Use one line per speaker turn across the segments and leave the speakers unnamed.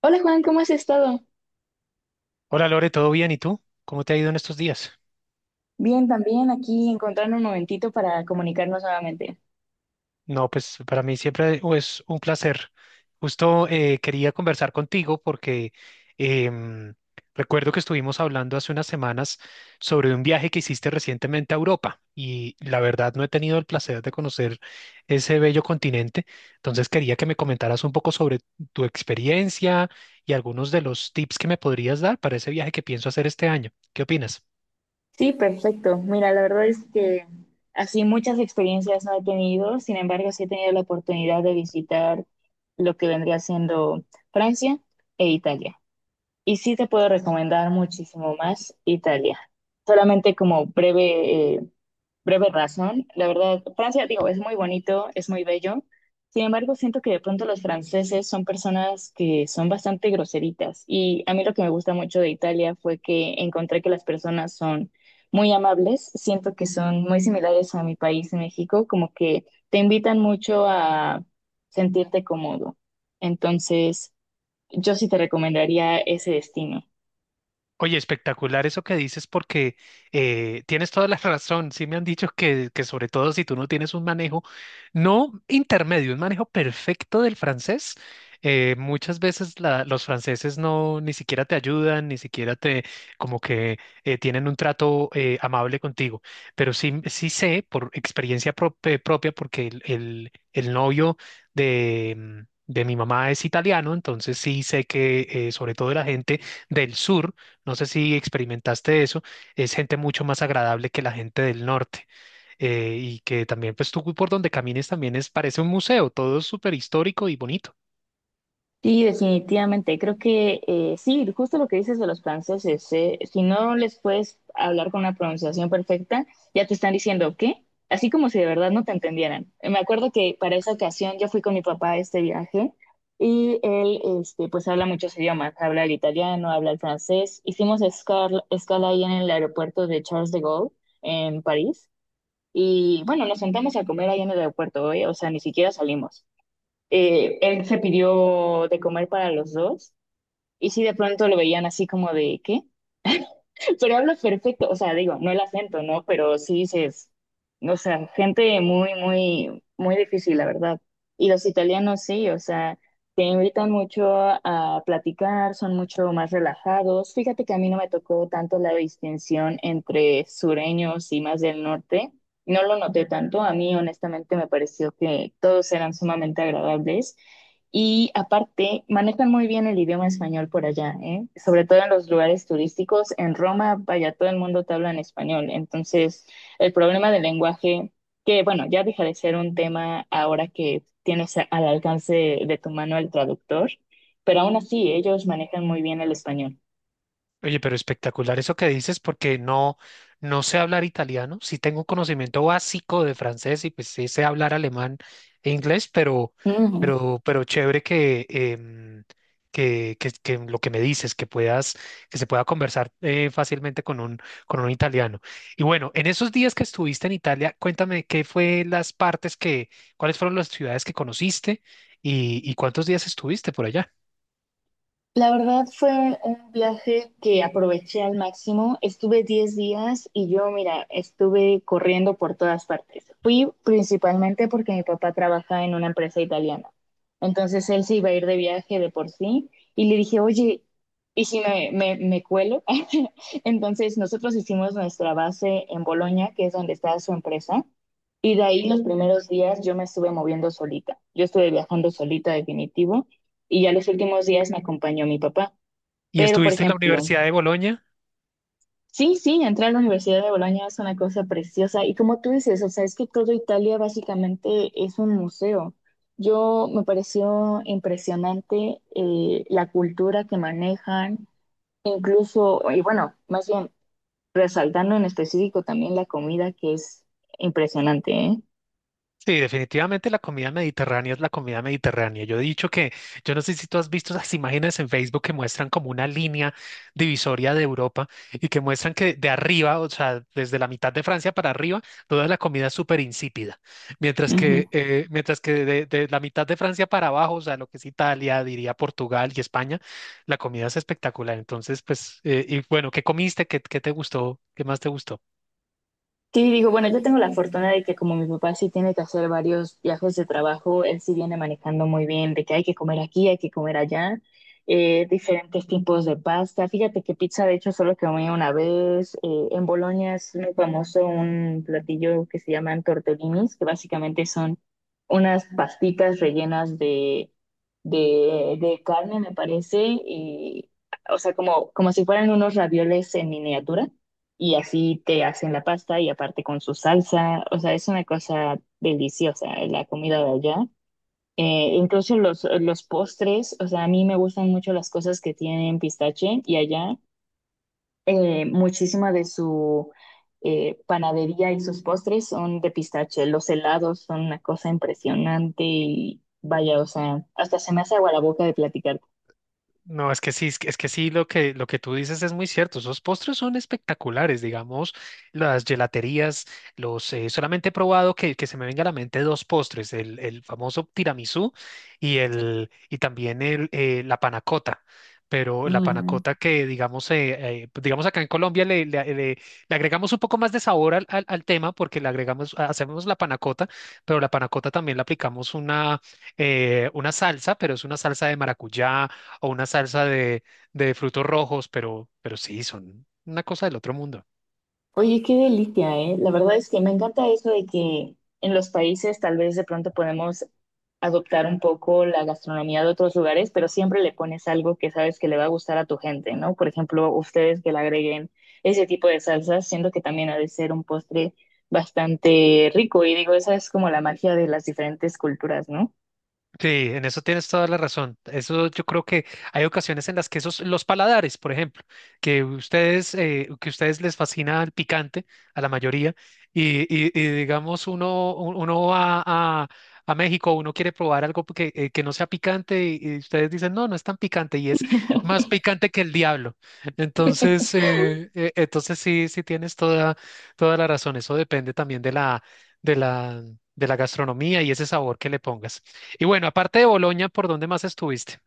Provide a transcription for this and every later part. Hola Juan, ¿cómo has estado?
Hola Lore, ¿todo bien? ¿Y tú? ¿Cómo te ha ido en estos días?
Bien, también aquí encontrando un momentito para comunicarnos nuevamente.
No, pues para mí siempre es un placer. Justo quería conversar contigo porque em, recuerdo que estuvimos hablando hace unas semanas sobre un viaje que hiciste recientemente a Europa y la verdad no he tenido el placer de conocer ese bello continente. Entonces quería que me comentaras un poco sobre tu experiencia y algunos de los tips que me podrías dar para ese viaje que pienso hacer este año. ¿Qué opinas?
Sí, perfecto. Mira, la verdad es que así muchas experiencias no he tenido, sin embargo sí he tenido la oportunidad de visitar lo que vendría siendo Francia e Italia. Y sí te puedo recomendar muchísimo más Italia. Solamente como breve breve razón. La verdad, Francia, digo, es muy bonito, es muy bello. Sin embargo, siento que de pronto los franceses son personas que son bastante groseritas. Y a mí lo que me gusta mucho de Italia fue que encontré que las personas son muy amables. Siento que son muy similares a mi país, México, como que te invitan mucho a sentirte cómodo. Entonces, yo sí te recomendaría ese destino.
Oye, espectacular eso que dices porque tienes toda la razón. Sí me han dicho que sobre todo si tú no tienes un manejo, no intermedio, un manejo perfecto del francés, muchas veces los franceses no ni siquiera te ayudan, ni siquiera te como que tienen un trato amable contigo. Pero sí, sí sé por experiencia propia porque el novio de mi mamá es italiano, entonces sí sé que sobre todo la gente del sur, no sé si experimentaste eso, es gente mucho más agradable que la gente del norte, y que también pues tú por donde camines también es parece un museo, todo es súper histórico y bonito.
Sí, definitivamente. Creo que sí, justo lo que dices de los franceses, si no les puedes hablar con una pronunciación perfecta, ya te están diciendo ¿qué? Así como si de verdad no te entendieran. Me acuerdo que para esa ocasión yo fui con mi papá a este viaje y él, este, pues habla muchos idiomas, habla el italiano, habla el francés. Hicimos escala ahí en el aeropuerto de Charles de Gaulle en París y bueno, nos sentamos a comer ahí en el aeropuerto, ¿eh? O sea, ni siquiera salimos, él se pidió de comer para los dos. Y sí, de pronto lo veían así como de, ¿qué? Pero habla perfecto, o sea, digo, no el acento, ¿no? Pero sí dices, o sea, gente muy, muy, muy difícil, la verdad. Y los italianos sí, o sea, te invitan mucho a platicar, son mucho más relajados. Fíjate que a mí no me tocó tanto la distinción entre sureños y más del norte. No lo noté tanto, a mí honestamente me pareció que todos eran sumamente agradables y aparte, manejan muy bien el idioma español por allá, ¿eh? Sobre todo en los lugares turísticos. En Roma, vaya, todo el mundo te habla en español. Entonces, el problema del lenguaje, que bueno, ya deja de ser un tema ahora que tienes al alcance de tu mano el traductor, pero aún así ellos manejan muy bien el español.
Oye, pero espectacular eso que dices, porque no, no sé hablar italiano. Sí tengo un conocimiento básico de francés y pues sí sé hablar alemán e inglés, pero chévere que, que lo que me dices, que se pueda conversar fácilmente con un italiano. Y bueno, en esos días que estuviste en Italia, cuéntame qué fue las partes que, cuáles fueron las ciudades que conociste y cuántos días estuviste por allá.
La verdad fue un viaje que aproveché al máximo. Estuve 10 días y yo, mira, estuve corriendo por todas partes. Fui principalmente porque mi papá trabaja en una empresa italiana. Entonces él se iba a ir de viaje de por sí y le dije, oye, ¿y si me cuelo? Entonces nosotros hicimos nuestra base en Bolonia, que es donde está su empresa. Y de ahí los primeros días yo me estuve moviendo solita. Yo estuve viajando solita definitivo y ya los últimos días me acompañó mi papá.
¿Y
Pero, por
estuviste en la
ejemplo,
Universidad de Bolonia?
sí, sí, entrar a la Universidad de Bolonia es una cosa preciosa y como tú dices, o sea, es que todo Italia básicamente es un museo. Yo me pareció impresionante la cultura que manejan, incluso, y bueno, más bien resaltando en específico también la comida que es impresionante, ¿eh?
Sí, definitivamente la comida mediterránea es la comida mediterránea. Yo he dicho yo no sé si tú has visto las imágenes en Facebook que muestran como una línea divisoria de Europa y que muestran que de arriba, o sea, desde la mitad de Francia para arriba, toda la comida es súper insípida. Mientras que de la mitad de Francia para abajo, o sea, lo que es Italia, diría Portugal y España, la comida es espectacular. Entonces, pues, y bueno, ¿qué comiste? ¿ qué te gustó? ¿Qué más te gustó?
Sí, digo, bueno, yo tengo la fortuna de que como mi papá sí tiene que hacer varios viajes de trabajo, él sí viene manejando muy bien de que hay que comer aquí, hay que comer allá, diferentes tipos de pasta. Fíjate que pizza, de hecho, solo comí una vez. En Bolonia es muy famoso un platillo que se llaman tortellinis, que básicamente son unas pastitas rellenas de carne, me parece, y, o sea, como, como si fueran unos ravioles en miniatura y así te hacen la pasta y aparte con su salsa, o sea, es una cosa deliciosa la comida de allá. Incluso los postres, o sea, a mí me gustan mucho las cosas que tienen pistache y allá muchísima de su panadería y sus postres son de pistache. Los helados son una cosa impresionante y vaya, o sea, hasta se me hace agua la boca de platicarte.
No, es que sí, es que sí, lo que tú dices es muy cierto. Esos postres son espectaculares, digamos, las gelaterías, los, solamente he probado que se me venga a la mente dos postres, el famoso tiramisú y, y también la panacota. Pero la panacota que, digamos, digamos acá en Colombia le agregamos un poco más de sabor al al tema porque le agregamos, hacemos la panacota, pero la panacota también le aplicamos una salsa, pero es una salsa de maracuyá o una salsa de frutos rojos, pero sí, son una cosa del otro mundo.
Oye, qué delicia, ¿eh? La verdad es que me encanta eso de que en los países tal vez de pronto podemos adoptar un poco la gastronomía de otros lugares, pero siempre le pones algo que sabes que le va a gustar a tu gente, ¿no? Por ejemplo, ustedes que le agreguen ese tipo de salsas, siento que también ha de ser un postre bastante rico y digo, esa es como la magia de las diferentes culturas, ¿no?
Sí, en eso tienes toda la razón. Eso yo creo que hay ocasiones en las que esos, los paladares, por ejemplo, que ustedes les fascina el picante a la mayoría, y digamos uno va a México, uno quiere probar algo que no sea picante, y ustedes dicen, no, no es tan picante, y es más picante que el diablo. Entonces, entonces sí, sí tienes toda, toda la razón. Eso depende también de la, de la gastronomía y ese sabor que le pongas. Y bueno, aparte de Boloña, ¿por dónde más estuviste?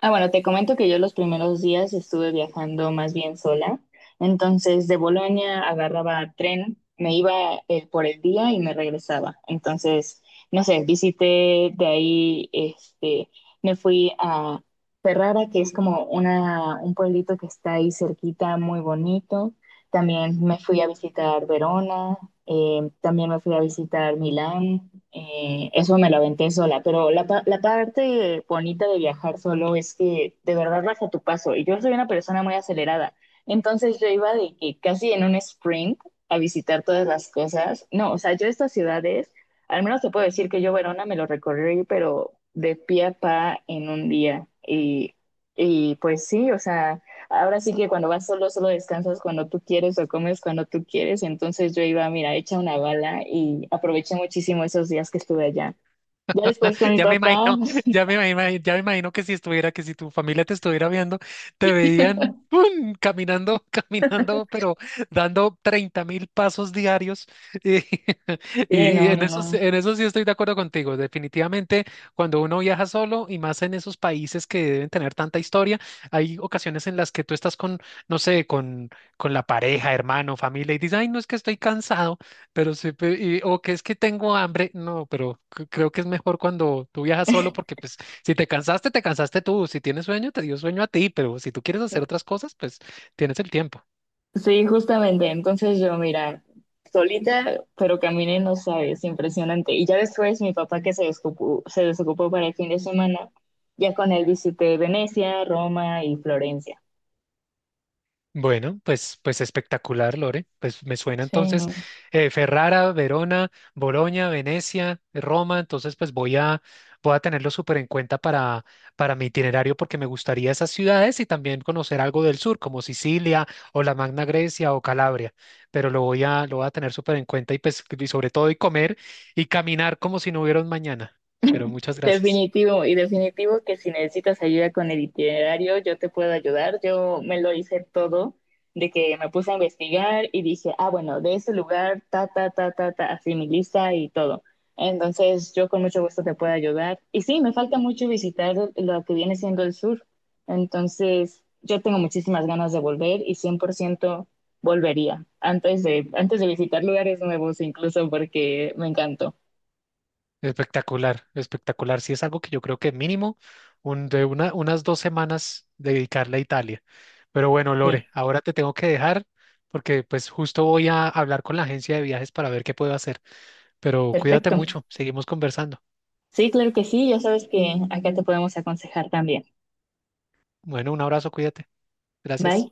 Ah, bueno, te comento que yo los primeros días estuve viajando más bien sola. Entonces, de Bolonia agarraba tren, me iba por el día y me regresaba. Entonces, no sé, visité de ahí, este, me fui a Ferrara, que es como una, un pueblito que está ahí cerquita, muy bonito. También me fui a visitar Verona, también me fui a visitar Milán, eso me lo aventé sola, pero la parte bonita de viajar solo es que de verdad vas a tu paso y yo soy una persona muy acelerada, entonces yo iba de que casi en un sprint a visitar todas las cosas, no, o sea, yo estas ciudades, al menos te puedo decir que yo Verona me lo recorrí, pero de pie a pa en un día y pues sí, o sea... Ahora sí que cuando vas solo, solo descansas cuando tú quieres o comes cuando tú quieres. Entonces yo iba, mira, hecha una bala y aproveché muchísimo esos días que estuve allá. Ya después con mi
Ya me
papá,
imagino, ya me imagino, ya me imagino que si estuviera, que si tu familia te estuviera viendo, te veían ¡pum! Caminando, caminando, pero dando 30.000 pasos diarios. Y,
sí,
y
no,
en
no,
eso,
no.
en eso sí estoy de acuerdo contigo. Definitivamente, cuando uno viaja solo y más en esos países que deben tener tanta historia, hay ocasiones en las que tú estás con, no sé, con la pareja, hermano, familia, y dices, ay, no es que estoy cansado. Pero sí, o que es que tengo hambre, no, pero creo que es mejor cuando tú viajas solo porque pues si te cansaste, te cansaste tú, si tienes sueño, te dio sueño a ti, pero si tú quieres hacer otras cosas, pues tienes el tiempo.
Sí, justamente. Entonces yo, mira, solita, pero caminé, no sabes, impresionante. Y ya después mi papá que se desocupó para el fin de semana, ya con él visité Venecia, Roma y Florencia.
Bueno, pues, pues espectacular, Lore. Pues me suena
Sí,
entonces
no.
Ferrara, Verona, Bolonia, Venecia, Roma. Entonces, voy a tenerlo súper en cuenta para mi itinerario porque me gustaría esas ciudades y también conocer algo del sur, como Sicilia o la Magna Grecia o Calabria. Pero lo voy a tener súper en cuenta y pues y sobre todo y comer y caminar como si no hubiera un mañana. Pero muchas gracias.
Definitivo, y definitivo que si necesitas ayuda con el itinerario, yo te puedo ayudar. Yo me lo hice todo, de que me puse a investigar y dije, ah, bueno, de ese lugar, ta, ta, ta, ta, ta, así mi lista y todo. Entonces, yo con mucho gusto te puedo ayudar. Y sí, me falta mucho visitar lo que viene siendo el sur. Entonces, yo tengo muchísimas ganas de volver y 100% volvería antes de visitar lugares nuevos, incluso porque me encantó.
Espectacular, espectacular. Sí, es algo que yo creo que mínimo unas 2 semanas dedicarle a Italia. Pero bueno, Lore,
Sí,
ahora te tengo que dejar porque pues justo voy a hablar con la agencia de viajes para ver qué puedo hacer. Pero cuídate
perfecto.
mucho, seguimos conversando.
Sí, claro que sí, ya sabes que acá te podemos aconsejar también.
Bueno, un abrazo, cuídate.
Bye.
Gracias.